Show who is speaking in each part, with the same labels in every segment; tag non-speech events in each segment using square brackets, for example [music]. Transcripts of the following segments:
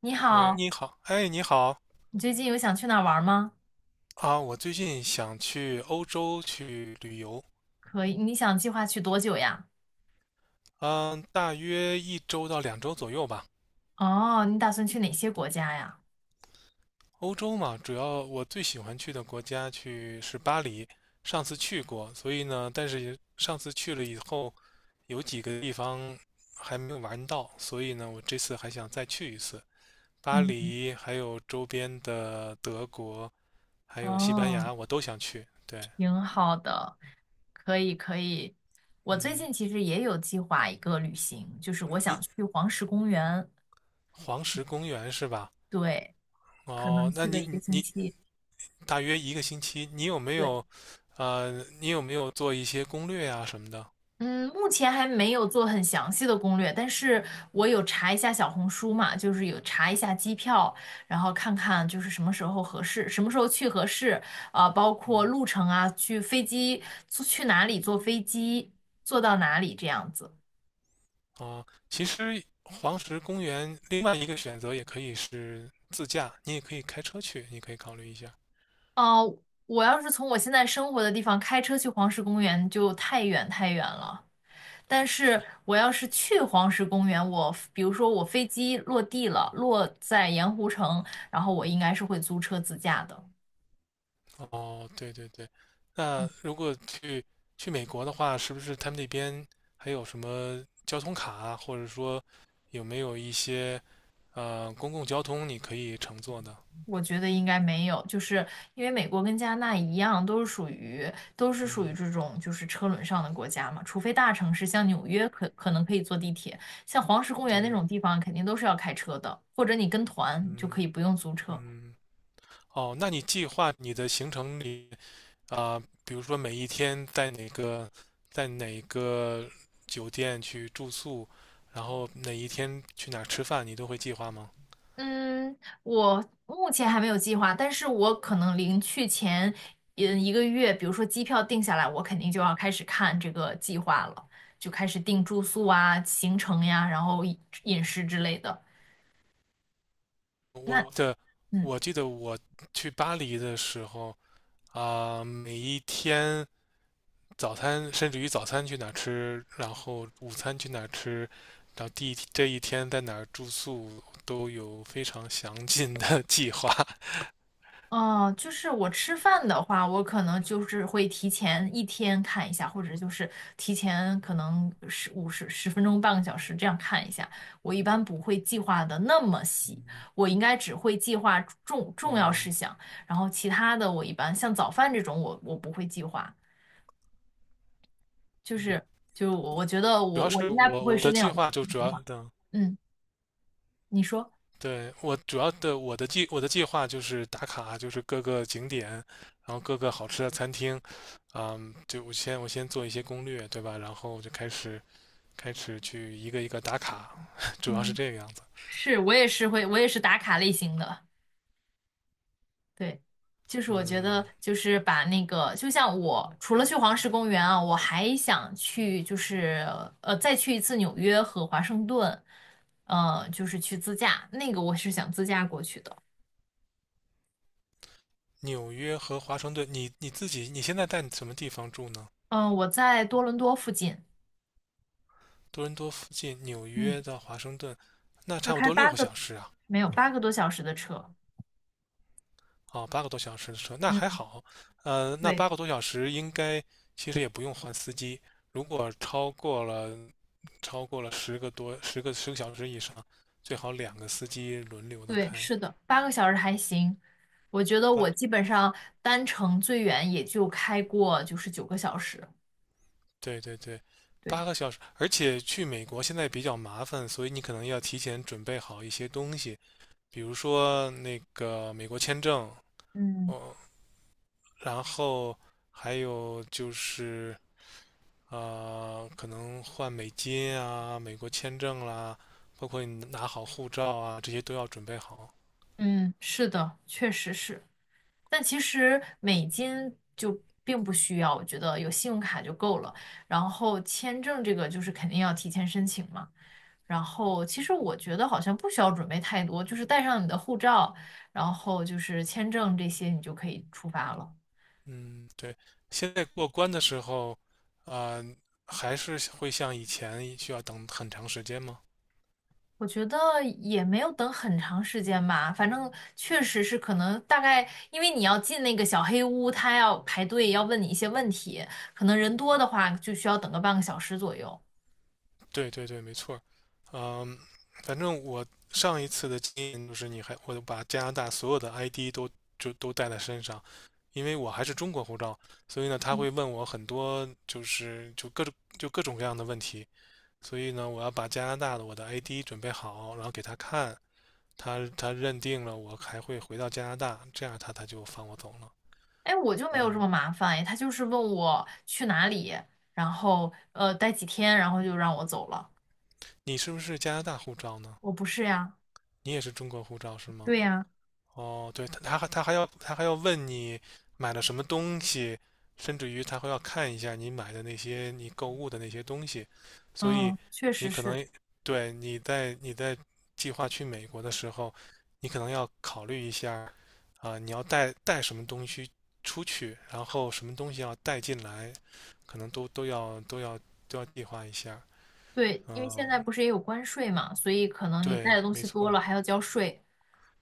Speaker 1: 你
Speaker 2: 喂，
Speaker 1: 好，
Speaker 2: 你好，哎，你好。
Speaker 1: 你最近有想去哪儿玩吗？
Speaker 2: 啊，我最近想去欧洲去旅游，
Speaker 1: 可以，你想计划去多久呀？
Speaker 2: 嗯，大约一周到两周左右吧。
Speaker 1: 哦，你打算去哪些国家呀？
Speaker 2: 欧洲嘛，主要我最喜欢去的国家去是巴黎，上次去过，所以呢，但是上次去了以后，有几个地方还没有玩到，所以呢，我这次还想再去一次。巴
Speaker 1: 嗯，
Speaker 2: 黎，还有周边的德国，还有西班
Speaker 1: 哦，
Speaker 2: 牙，我都想去。对，
Speaker 1: 挺好的，可以可以。我最
Speaker 2: 嗯，
Speaker 1: 近其实也有计划一个旅行，就是我
Speaker 2: 你
Speaker 1: 想去黄石公园，
Speaker 2: 黄石公园是吧？
Speaker 1: 对，可能
Speaker 2: 哦，那
Speaker 1: 去个
Speaker 2: 你
Speaker 1: 一个
Speaker 2: 你
Speaker 1: 星
Speaker 2: 你
Speaker 1: 期。
Speaker 2: 大约一个星期，你有没
Speaker 1: 对。
Speaker 2: 有，你有没有做一些攻略呀、什么的？
Speaker 1: 嗯，目前还没有做很详细的攻略，但是我有查一下小红书嘛，就是有查一下机票，然后看看就是什么时候合适，什么时候去合适，包括
Speaker 2: 嗯，
Speaker 1: 路程啊，去飞机，坐去哪里坐飞机，坐到哪里这样子。
Speaker 2: 哦，其实黄石公园另外一个选择也可以是自驾，你也可以开车去，你可以考虑一下。
Speaker 1: 哦、我要是从我现在生活的地方开车去黄石公园，就太远太远了。但
Speaker 2: 是。
Speaker 1: 是我要是去黄石公园，我比如说我飞机落地了，落在盐湖城，然后我应该是会租车自驾的。
Speaker 2: 哦，对对对。那如果去美国的话，是不是他们那边还有什么交通卡啊或者说有没有一些呃公共交通你可以乘坐的？
Speaker 1: 我觉得应该没有，就是因为美国跟加拿大一样，都是属于
Speaker 2: 嗯，
Speaker 1: 这种就是车轮上的国家嘛，除非大城市像纽约可能可以坐地铁，像黄石公园那
Speaker 2: 对，
Speaker 1: 种地方肯定都是要开车的，或者你跟团就
Speaker 2: 嗯。
Speaker 1: 可以不用租车。
Speaker 2: 嗯。哦，那你计划你的行程里啊，比如说每一天在哪个在哪个酒店去住宿，然后哪一天去哪儿吃饭，你都会计划吗？
Speaker 1: 嗯，我目前还没有计划，但是我可能临去前，1个月，比如说机票定下来，我肯定就要开始看这个计划了，就开始定住宿啊、行程呀，然后饮食之类的。那
Speaker 2: 我的，
Speaker 1: 嗯，
Speaker 2: 我记得我去巴黎的时候啊，每一天早餐，甚至于早餐去哪儿吃，然后午餐去哪儿吃，然后第一这一天在哪儿住宿，都有非常详尽的 [laughs] 计划。
Speaker 1: 哦，就是我吃饭的话，我可能就是会提前1天看一下，或者就是提前可能十五十十分钟、半个小时这样看一下。我一般不会计划的那么细，
Speaker 2: 嗯。
Speaker 1: 我应该只会计划重要事项，然后其他的我一般像早饭这种我不会计划，就
Speaker 2: 嗯。
Speaker 1: 是就我觉得
Speaker 2: 主
Speaker 1: 我
Speaker 2: 要
Speaker 1: 我
Speaker 2: 是
Speaker 1: 应该不
Speaker 2: 我
Speaker 1: 会
Speaker 2: 我
Speaker 1: 是
Speaker 2: 的
Speaker 1: 那
Speaker 2: 计
Speaker 1: 样
Speaker 2: 划就主
Speaker 1: 计
Speaker 2: 要
Speaker 1: 划。
Speaker 2: 的
Speaker 1: 嗯，你说
Speaker 2: 对，我主要的我的计我的计划就是打卡，就是各个景点，然后各个好吃的餐厅，嗯，就我先我先做一些攻略，对吧？然后就开始开始去一个一个打卡，[laughs] 主要是
Speaker 1: 嗯，
Speaker 2: 这个样子。
Speaker 1: 是，我也是会，我也是打卡类型的。对，就是我觉得，
Speaker 2: 嗯，
Speaker 1: 就是把那个，就像我除了去黄石公园啊，我还想去，就是再去一次纽约和华盛顿，就是去自驾，那个我是想自驾过去的。
Speaker 2: 纽约和华盛顿，你你自己你现在在什么地方住呢？
Speaker 1: 嗯、我在多伦多附近，
Speaker 2: 多伦多附近，纽
Speaker 1: 嗯，
Speaker 2: 约到华盛顿，那
Speaker 1: 要
Speaker 2: 差不
Speaker 1: 开
Speaker 2: 多六
Speaker 1: 八
Speaker 2: 个
Speaker 1: 个，
Speaker 2: 小时啊。
Speaker 1: 没有8个多小时的车。
Speaker 2: 哦，八个多小时的车，那还
Speaker 1: 嗯，
Speaker 2: 好。呃，那
Speaker 1: 对，
Speaker 2: 八个多小时应该其实也不用换司机。如果超过了十个多十个十个小时以上，最好两个司机轮流的
Speaker 1: 对，
Speaker 2: 开。
Speaker 1: 是的，8个小时还行。我觉得我
Speaker 2: 八，
Speaker 1: 基本上单程最远也就开过就是9个小时。
Speaker 2: 对对对，八
Speaker 1: 对。
Speaker 2: 个小时。而且去美国现在比较麻烦，所以你可能要提前准备好一些东西，比如说那个美国签证，
Speaker 1: 嗯。
Speaker 2: 哦，然后还有就是可能换美金啊、美国签证啦，包括你拿好护照啊，这些都要准备好。
Speaker 1: 嗯，是的，确实是。但其实美金就并不需要，我觉得有信用卡就够了。然后签证这个就是肯定要提前申请嘛。然后其实我觉得好像不需要准备太多，就是带上你的护照，然后就是签证这些，你就可以出发了。
Speaker 2: 嗯，对，现在过关的时候，啊、还是会像以前需要等很长时间吗？
Speaker 1: 我觉得也没有等很长时间吧，反正确实是可能大概，因为你要进那个小黑屋，他要排队，要问你一些问题，可能人多的话就需要等个半个小时左右。
Speaker 2: 对对对，没错儿。嗯，反正我上一次的经验就是，我把加拿大所有的 ID 都都带在身上，因为我还是中国护照，所以呢，他会问我很多就各种各样的问题。所以呢，我要把加拿大的我的 ID 准备好，然后给他看，他认定了我还会回到加拿大，这样他就放我走了。
Speaker 1: 哎，我就没有这
Speaker 2: 嗯，
Speaker 1: 么麻烦，哎，他就是问我去哪里，然后待几天，然后就让我走了。
Speaker 2: 你是不是加拿大护照呢？
Speaker 1: 我不是呀，
Speaker 2: 你也是中国护照是吗？
Speaker 1: 对呀，
Speaker 2: 哦，对，他还要问你买了什么东西，甚至于他会要看一下你买的那些你购物的那些东西，所以
Speaker 1: 嗯，确
Speaker 2: 你
Speaker 1: 实
Speaker 2: 可
Speaker 1: 是，
Speaker 2: 能对你在计划去美国的时候，你可能要考虑一下啊，你要带什么东西出去，然后什么东西要带进来，可能都要计划一下。
Speaker 1: 对，因为现
Speaker 2: 嗯，
Speaker 1: 在不是也有关税嘛，所以可能你带
Speaker 2: 对，
Speaker 1: 的东
Speaker 2: 没
Speaker 1: 西多
Speaker 2: 错。
Speaker 1: 了还要交税。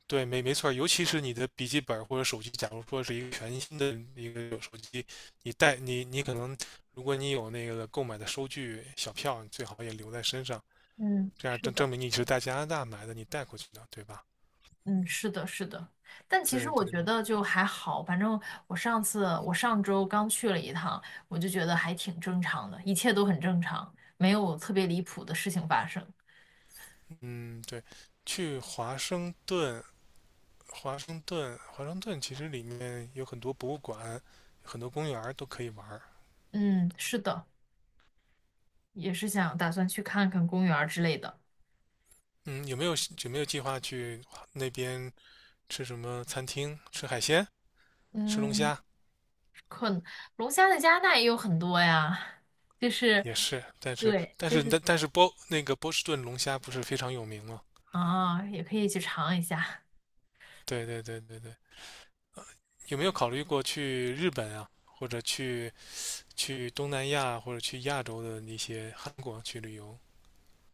Speaker 2: 对，没没错儿。尤其是你的笔记本或者手机，假如说是一个全新的一个手机，你带你你可能，如果你有那个购买的收据小票，你最好也留在身上，
Speaker 1: 嗯，
Speaker 2: 这样
Speaker 1: 是
Speaker 2: 证
Speaker 1: 的。
Speaker 2: 证明你是在加拿大买的，你带过去的，对吧？
Speaker 1: 嗯，是的，是的，但其实
Speaker 2: 对
Speaker 1: 我
Speaker 2: 对
Speaker 1: 觉
Speaker 2: 对，
Speaker 1: 得就还好，反正我上周刚去了一趟，我就觉得还挺正常的，一切都很正常，没有特别离谱的事情发生。
Speaker 2: 嗯对，去华盛顿，华盛顿其实里面有很多博物馆，很多公园儿都可以玩儿。
Speaker 1: 嗯，是的，也是想打算去看看公园儿之类的。
Speaker 2: 嗯，有没有计划去那边吃什么餐厅？吃海鲜？吃龙
Speaker 1: 嗯，
Speaker 2: 虾？
Speaker 1: 龙虾的加拿大也有很多呀，就是
Speaker 2: 也是，
Speaker 1: 对，就是
Speaker 2: 但是那个波士顿龙虾不是非常有名吗？
Speaker 1: 啊，也可以去尝一下。
Speaker 2: 对对对对对，呃，有没有考虑过去日本啊，或者去东南亚，或者去亚洲的那些韩国去旅游？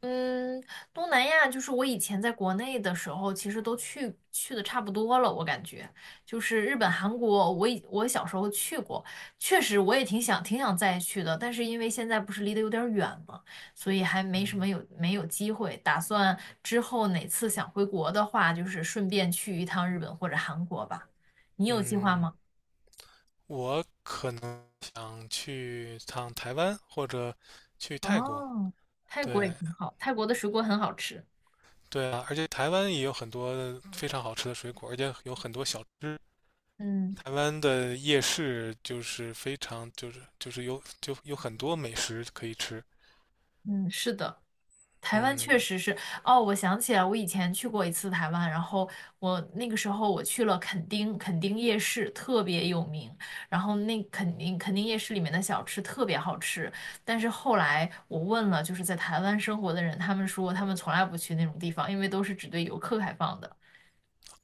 Speaker 1: 嗯，东南亚就是我以前在国内的时候，其实都去的差不多了，我感觉就是日本、韩国，我小时候去过，确实我也挺想挺想再去的，但是因为现在不是离得有点远嘛，所以还没什么
Speaker 2: 嗯。
Speaker 1: 有没有机会。打算之后哪次想回国的话，就是顺便去一趟日本或者韩国吧。你有计划
Speaker 2: 嗯，
Speaker 1: 吗？
Speaker 2: 我可能想去趟台湾或者去泰国。
Speaker 1: 哦，泰国
Speaker 2: 对，
Speaker 1: 也挺好，泰国的水果很好吃。
Speaker 2: 对啊，而且台湾也有很多非常好吃的水果，而且有很多小吃。
Speaker 1: 嗯
Speaker 2: 台湾的夜市就是非常就是就是有很多美食可以吃，
Speaker 1: 嗯，是的。台湾确
Speaker 2: 嗯，
Speaker 1: 实是，哦，我想起来，我以前去过一次台湾，然后我那个时候我去了垦丁，垦丁夜市特别有名，然后那垦丁夜市里面的小吃特别好吃，但是后来我问了就是在台湾生活的人，他们说他们从来不去那种地方，因为都是只对游客开放的。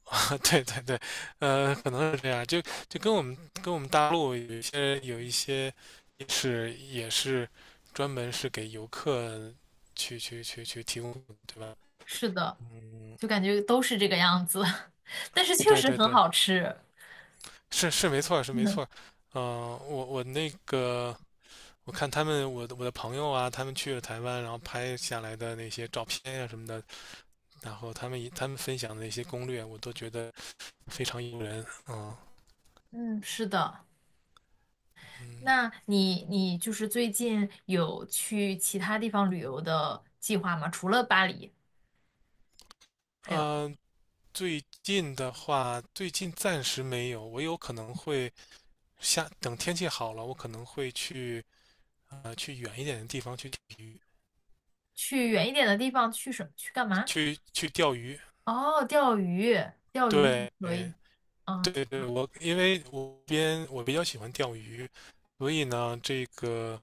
Speaker 2: [laughs] 对对对，呃，可能是这样，就跟我们跟我们大陆有有一些夜市也是专门是给游客去提供的对吧？
Speaker 1: 是的，
Speaker 2: 嗯，
Speaker 1: 就感觉都是这个样子，[laughs] 但是确
Speaker 2: 对
Speaker 1: 实
Speaker 2: 对
Speaker 1: 很
Speaker 2: 对，
Speaker 1: 好吃。
Speaker 2: 是是没错是没错，
Speaker 1: [laughs]
Speaker 2: 嗯、我我那个我看他们我的朋友啊，他们去了台湾，然后拍下来的那些照片呀、什么的，然后他们分享的一些攻略，我都觉得非常诱人啊，
Speaker 1: 嗯，是的。
Speaker 2: 嗯。
Speaker 1: 那你就是最近有去其他地方旅游的计划吗？除了巴黎，还
Speaker 2: 啊。
Speaker 1: 有
Speaker 2: 呃最近的话，最近暂时没有，我有可能会等天气好了，我可能会去去远一点的地方去钓鱼，
Speaker 1: 去远一点的地方去什么？去干嘛？
Speaker 2: 去钓鱼。
Speaker 1: 哦，钓鱼，钓鱼还
Speaker 2: 对，
Speaker 1: 可以。哦，挺
Speaker 2: 对对，因为我比较喜欢钓鱼，所以呢，这个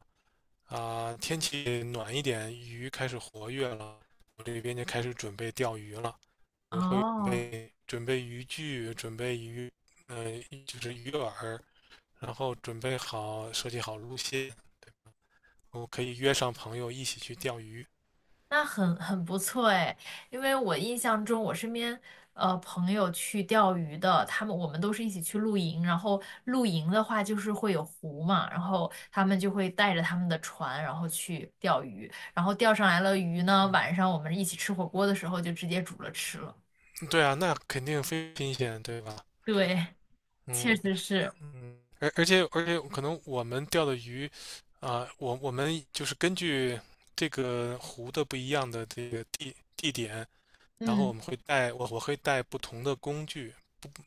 Speaker 2: 啊、天气暖一点，鱼开始活跃了，我这边就开始准备钓鱼了。我会
Speaker 1: 哦，
Speaker 2: 准备渔具，准备鱼，呃，就是鱼饵，然后准备好设计好路线，对，我可以约上朋友一起去钓鱼。
Speaker 1: 那很不错哎，因为我印象中，我身边朋友去钓鱼的，我们都是一起去露营，然后露营的话就是会有湖嘛，然后他们就会带着他们的船，然后去钓鱼，然后钓上来了鱼呢，晚
Speaker 2: 嗯
Speaker 1: 上我们一起吃火锅的时候就直接煮了吃了。
Speaker 2: 对啊，那肯定非常新鲜，对吧？
Speaker 1: 对，确
Speaker 2: 嗯。
Speaker 1: 实是，
Speaker 2: 嗯，而且可能我们钓的鱼，啊、我们就是根据这个湖的不一样的这个地地点，然后
Speaker 1: 嗯，
Speaker 2: 我会带不同的工具，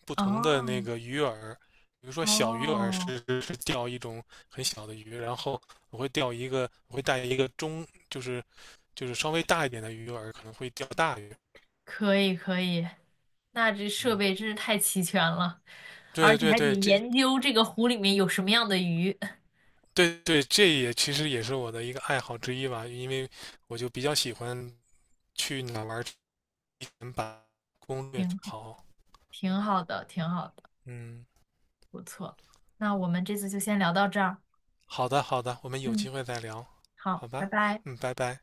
Speaker 2: 不同的
Speaker 1: 哦
Speaker 2: 那个鱼饵，比如说小鱼饵
Speaker 1: 哦，
Speaker 2: 是钓一种很小的鱼，然后我会带一个中就是就是稍微大一点的鱼饵，可能会钓大鱼。
Speaker 1: 可以可以，那这设
Speaker 2: 嗯，
Speaker 1: 备真是太齐全了。而
Speaker 2: 对
Speaker 1: 且
Speaker 2: 对
Speaker 1: 还得
Speaker 2: 对，这
Speaker 1: 研究这个湖里面有什么样的鱼，
Speaker 2: 对，这也其实也是我的一个爱好之一吧，因为我就比较喜欢去哪玩儿全把攻略
Speaker 1: 挺
Speaker 2: 做
Speaker 1: 好，
Speaker 2: 好。
Speaker 1: 挺好的，挺好的，
Speaker 2: 嗯，
Speaker 1: 不错。那我们这次就先聊到这儿。
Speaker 2: 好的，我们有机
Speaker 1: 嗯，
Speaker 2: 会再聊，
Speaker 1: 好，
Speaker 2: 好
Speaker 1: 拜
Speaker 2: 吧？
Speaker 1: 拜。
Speaker 2: 嗯，拜拜。